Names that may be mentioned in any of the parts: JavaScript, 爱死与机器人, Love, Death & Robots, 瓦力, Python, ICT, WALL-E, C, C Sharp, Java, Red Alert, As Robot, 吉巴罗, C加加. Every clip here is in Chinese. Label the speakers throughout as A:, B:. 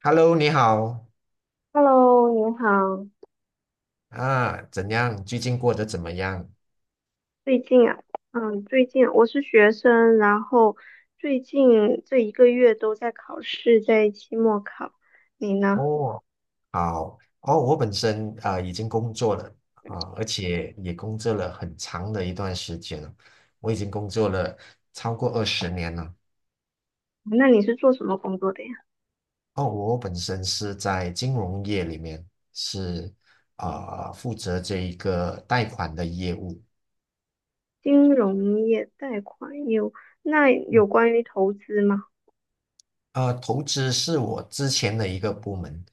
A: Hello，你好
B: Hello，您好。
A: 啊，怎样？最近过得怎么样？
B: 最近啊，最近我是学生，然后最近这一个月都在考试，在期末考。你呢？
A: 哦，好哦，我本身已经工作了而且也工作了很长的一段时间了，我已经工作了超过二十年了。
B: 那你是做什么工作的呀？
A: 哦，我本身是在金融业里面，是负责这一个贷款的业务。
B: 金融业、贷款业务。那
A: 嗯
B: 有关于投资吗？
A: 投资是我之前的一个部门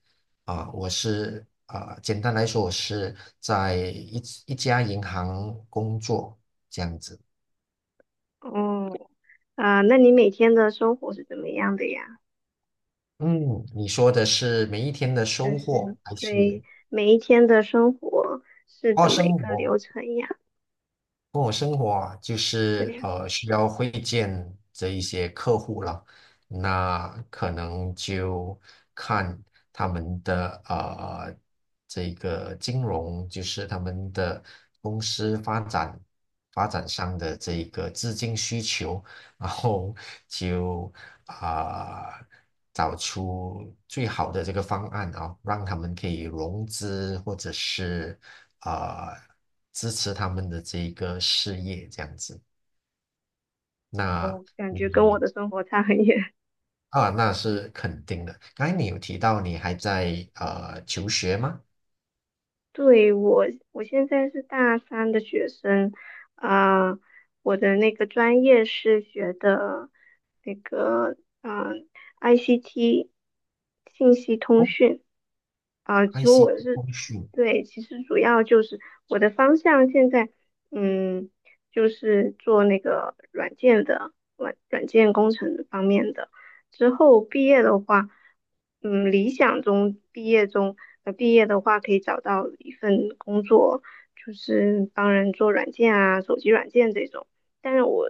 A: 啊，我是啊，简单来说，我是在一家银行工作这样子。
B: 哦，啊，那你每天的生活是怎么样的呀？
A: 嗯，你说的是每一天的
B: 就
A: 收
B: 是
A: 获还是
B: 对每一天的生活是
A: 哦，
B: 怎么一
A: 生
B: 个流
A: 活？
B: 程呀？
A: 跟我生活啊，就是
B: 对，
A: 需要会见这一些客户了，那可能就看他们的这个金融，就是他们的公司发展上的这一个资金需求，然后就啊、找出最好的这个方案啊，让他们可以融资或者是啊、呃支持他们的这一个事业这样子。那
B: 我感觉跟我的生活差很远。
A: 那是肯定的。刚才你有提到你还在求学吗？
B: 对，我，我现在是大三的学生，啊、我的那个专业是学的那个，嗯、ICT 信息通
A: 哦
B: 讯，啊、其实我
A: ，ICT
B: 是，
A: 通讯，
B: 对，其实主要就是我的方向现在，嗯，就是做那个软件的软件工程方面的。之后毕业的话，理想中毕业中，毕业的话可以找到一份工作，就是帮人做软件啊，手机软件这种。但是我，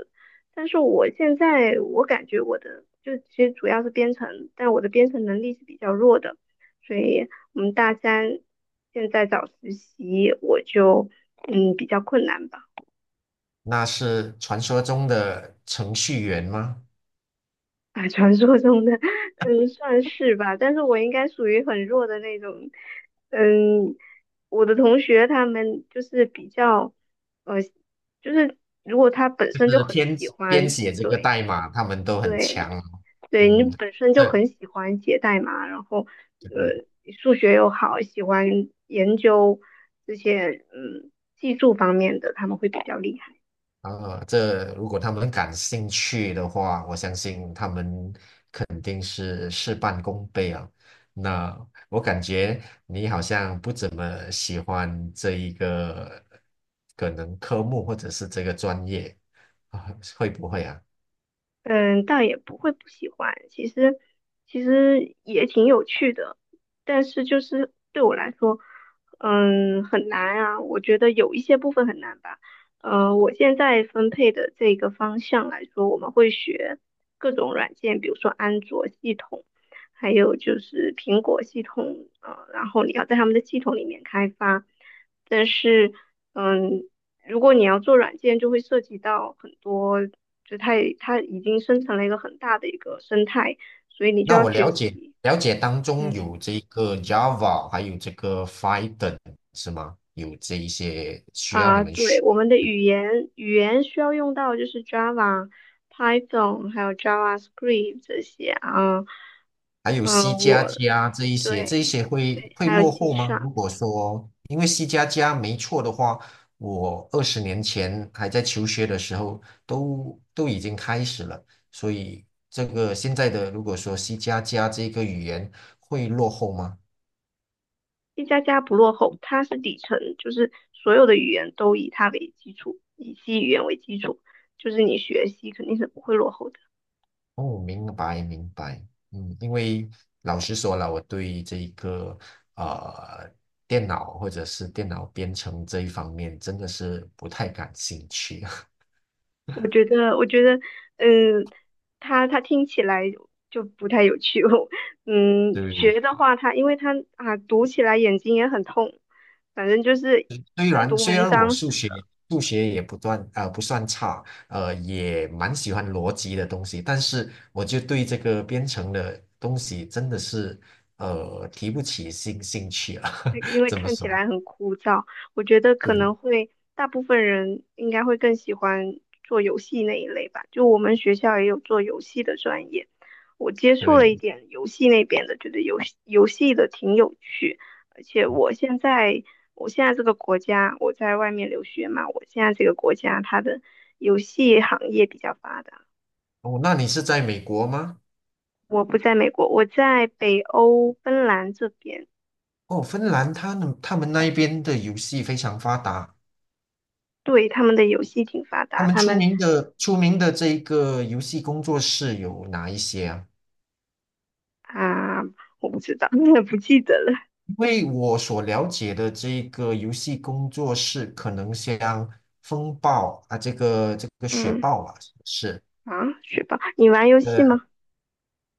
B: 但是我现在我感觉我的就其实主要是编程，但我的编程能力是比较弱的，所以我们大三现在找实习，我就比较困难吧。
A: 那是传说中的程序员吗？
B: 啊，传说中的，嗯，算是吧，但是我应该属于很弱的那种。嗯，我的同学他们就是比较，呃，就是如果他本
A: 就
B: 身就
A: 是
B: 很
A: 编
B: 喜
A: 编
B: 欢。
A: 写这个
B: 对
A: 代码，他们都很
B: 对
A: 强哦。
B: 对，你
A: 嗯，
B: 本身就
A: 这
B: 很喜欢写代码，然后呃，数学又好，喜欢研究这些技术方面的，他们会比较厉害。
A: 这如果他们感兴趣的话，我相信他们肯定是事半功倍啊。那我感觉你好像不怎么喜欢这一个可能科目或者是这个专业啊，会不会啊？
B: 嗯，倒也不会不喜欢，其实也挺有趣的，但是就是对我来说，嗯，很难啊。我觉得有一些部分很难吧。呃，我现在分配的这个方向来说，我们会学各种软件，比如说安卓系统，还有就是苹果系统，然后你要在他们的系统里面开发，但是。嗯，如果你要做软件，就会涉及到很多，就它已经生成了一个很大的一个生态，所以你就
A: 那
B: 要
A: 我
B: 学
A: 了解
B: 习。
A: 了解当中
B: 嗯
A: 有这个 Java，还有这个 Python 是吗？有这一些需要你
B: 啊，
A: 们
B: 对，
A: 学。
B: 我们的语言需要用到就是 Java、Python 还有 JavaScript 这些啊。
A: 还有 C
B: 嗯，
A: 加加这一些，
B: 对
A: 会
B: 对，
A: 会
B: 还有 C
A: 落后吗？
B: Sharp，
A: 如果说，因为 C 加加没错的话，我20年前还在求学的时候都已经开始了，所以这个现在的如果说 C 加加这个语言会落后吗？
B: 一加加不落后，它是底层，就是所有的语言都以它为基础，以 C 语言为基础，就是你学习肯定是不会落后的。
A: 哦，明白明白，因为老实说了，我对这一个呃电脑或者是电脑编程这一方面真的是不太感兴趣。
B: 我觉得,嗯，他听起来就不太有趣。嗯，
A: 对，
B: 学的话他因为他啊，读起来眼睛也很痛，反正就是
A: 虽
B: 跟
A: 然
B: 读
A: 虽
B: 文
A: 然我
B: 章是
A: 数学也不算差，也蛮喜欢逻辑的东西，但是我就对这个编程的东西真的是提不起兴趣啊，
B: 因 为
A: 怎么
B: 看起
A: 说？
B: 来很枯燥，我觉得可
A: 对
B: 能会大部分人应该会更喜欢做游戏那一类吧。就我们学校也有做游戏的专业，我接触了
A: 对，
B: 一点游戏那边的，觉得游戏的挺有趣。而且我现在这个国家，我在外面留学嘛，我现在这个国家它的游戏行业比较发达。
A: 哦，那你是在美国吗？
B: 我不在美国，我在北欧芬兰这边。
A: 哦，芬兰他们那一边的游戏非常发达，
B: 对，他们的游戏挺发
A: 他
B: 达，
A: 们
B: 他
A: 出
B: 们
A: 名的出名的这个游戏工作室有哪一些啊？
B: 啊，我不知道，不记得了。
A: 因为我所了解的这个游戏工作室，可能像风暴啊，这个雪
B: 嗯，
A: 豹啊，是不是
B: 啊，学霸，你玩游戏
A: 呃
B: 吗？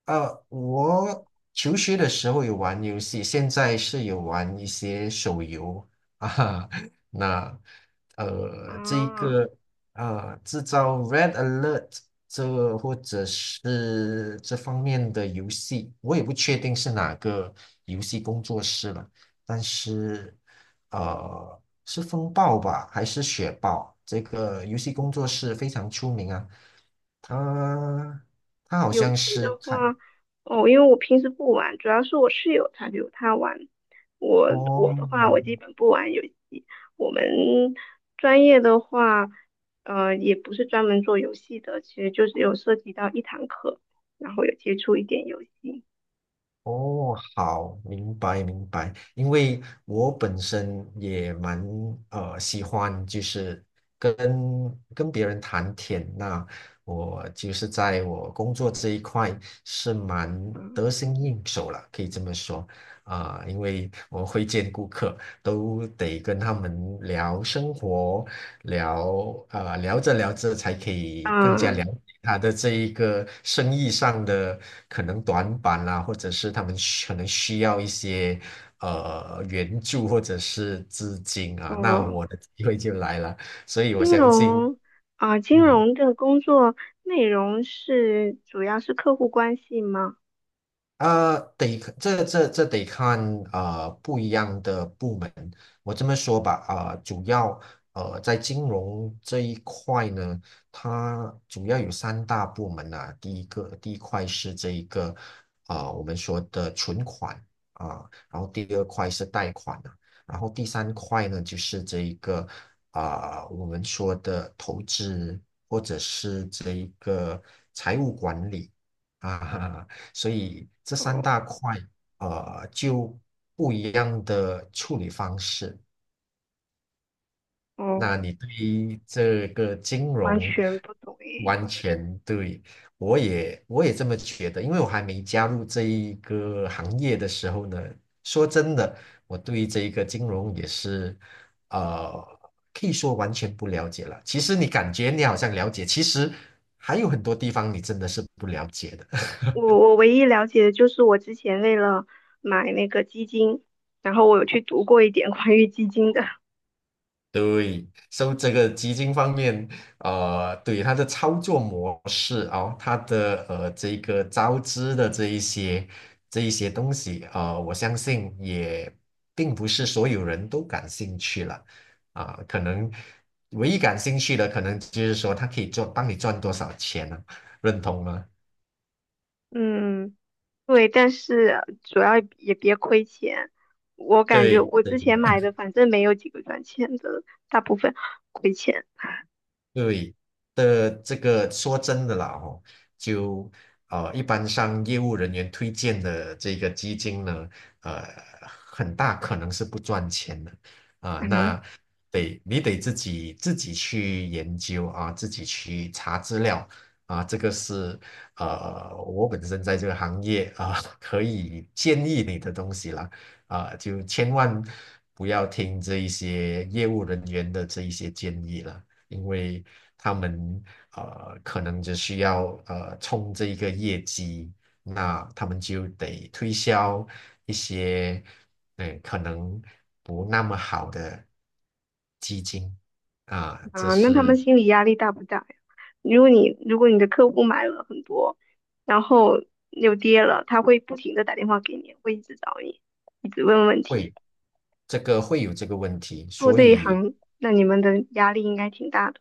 A: 我求学的时候有玩游戏，现在是有玩一些手游啊。那这一
B: 啊，
A: 个制造 Red Alert 这或者是这方面的游戏，我也不确定是哪个游戏工作室了，但是是风暴吧，还是雪豹？这个游戏工作室非常出名啊，它它好
B: 游
A: 像
B: 戏
A: 是
B: 的
A: 开。
B: 话，哦，因为我平时不玩，主要是我室友他有他玩。我
A: 哦
B: 我的话，我基本不玩游戏。我们专业的话，也不是专门做游戏的，其实就是有涉及到一堂课，然后有接触一点游戏。
A: 哦，好，明白明白。因为我本身也蛮喜欢，就是跟跟别人谈天。那我就是在我工作这一块是蛮
B: 嗯，
A: 得心应手了，可以这么说啊、因为我会见顾客，都得跟他们聊生活，聊着聊着才可以更加
B: 啊，
A: 了解他的这一个生意上的可能短板啦、或者是他们可能需要一些援助或者是资金啊，那
B: 哦、
A: 我的机会就来了，所以我
B: 金
A: 相信，
B: 融啊，金
A: 嗯。
B: 融的工作内容是主要是客户关系吗？
A: 得这这这得看啊，不一样的部门。我这么说吧，主要在金融这一块呢，它主要有三大部门啊。第一块是这一个我们说的存款然后第二块是贷款啊，然后第三块呢就是这一个我们说的投资或者是这一个财务管理。啊，所以这三
B: 哦
A: 大块，就不一样的处理方式。
B: 哦，
A: 那你对于这个金
B: 完
A: 融
B: 全不懂诶。
A: 完全对，我也这么觉得，因为我还没加入这一个行业的时候呢，说真的，我对这一个金融也是，呃，可以说完全不了解了。其实你感觉你好像了解，其实还有很多地方你真的是不了解的。
B: 我唯一了解的就是我之前为了买那个基金，然后我有去读过一点关于基金的。
A: 对，所以这个基金方面，对它的操作模式哦，它的这个招资的这一些东西，我相信也并不是所有人都感兴趣了啊、可能唯一感兴趣的，可能就是说它可以做帮你赚多少钱呢、认同吗？
B: 嗯，对，但是主要也别亏钱。我感觉
A: 对，
B: 我之
A: 对
B: 前买的反正没有几个赚钱的，大部分亏钱。
A: 对的，这个说真的啦，哦，就一般上业务人员推荐的这个基金呢，呃，很大可能是不赚钱的啊，
B: 嗯
A: 那你得自己去研究啊，自己去查资料啊，这个是我本身在这个行业啊，可以建议你的东西啦。啊，就千万不要听这一些业务人员的这一些建议了因为他们可能只需要冲这一个业绩，那他们就得推销一些可能不那么好的基金啊，这
B: 啊，那他们
A: 是
B: 心理压力大不大呀？如果你的客户买了很多，然后又跌了，他会不停的打电话给你，会一直找你，一直问问题。
A: 会会有这个问题，
B: 做
A: 所
B: 这一
A: 以
B: 行，那你们的压力应该挺大的。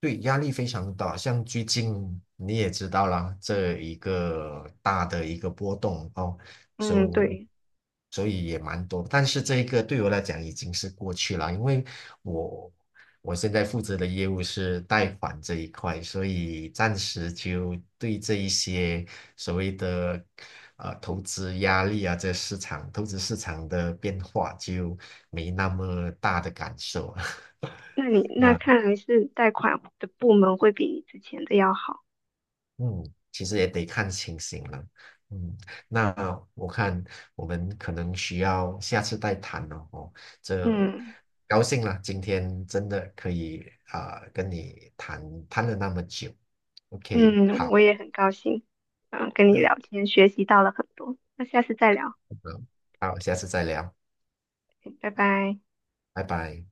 A: 对，压力非常大，像最近你也知道啦，这一个大的一个波动哦，
B: 嗯，
A: 所以
B: 对，
A: 所以也蛮多，但是这一个对我来讲已经是过去了，因为我我现在负责的业务是贷款这一块，所以暂时就对这一些所谓的投资压力啊，这市场投资市场的变化就没那么大的感受。
B: 那你那
A: 那。
B: 看来是贷款的部门会比你之前的要好。
A: 嗯，其实也得看情形了。嗯，那我看我们可能需要下次再谈了哦。这
B: 嗯
A: 高兴了，今天真的可以啊、跟你谈谈了那么久。OK，
B: 嗯，我
A: 好，
B: 也很高兴，嗯，跟你
A: 好，
B: 聊天学习到了很多。那下次再聊，
A: 好，好下次再聊，
B: 拜拜。
A: 拜拜。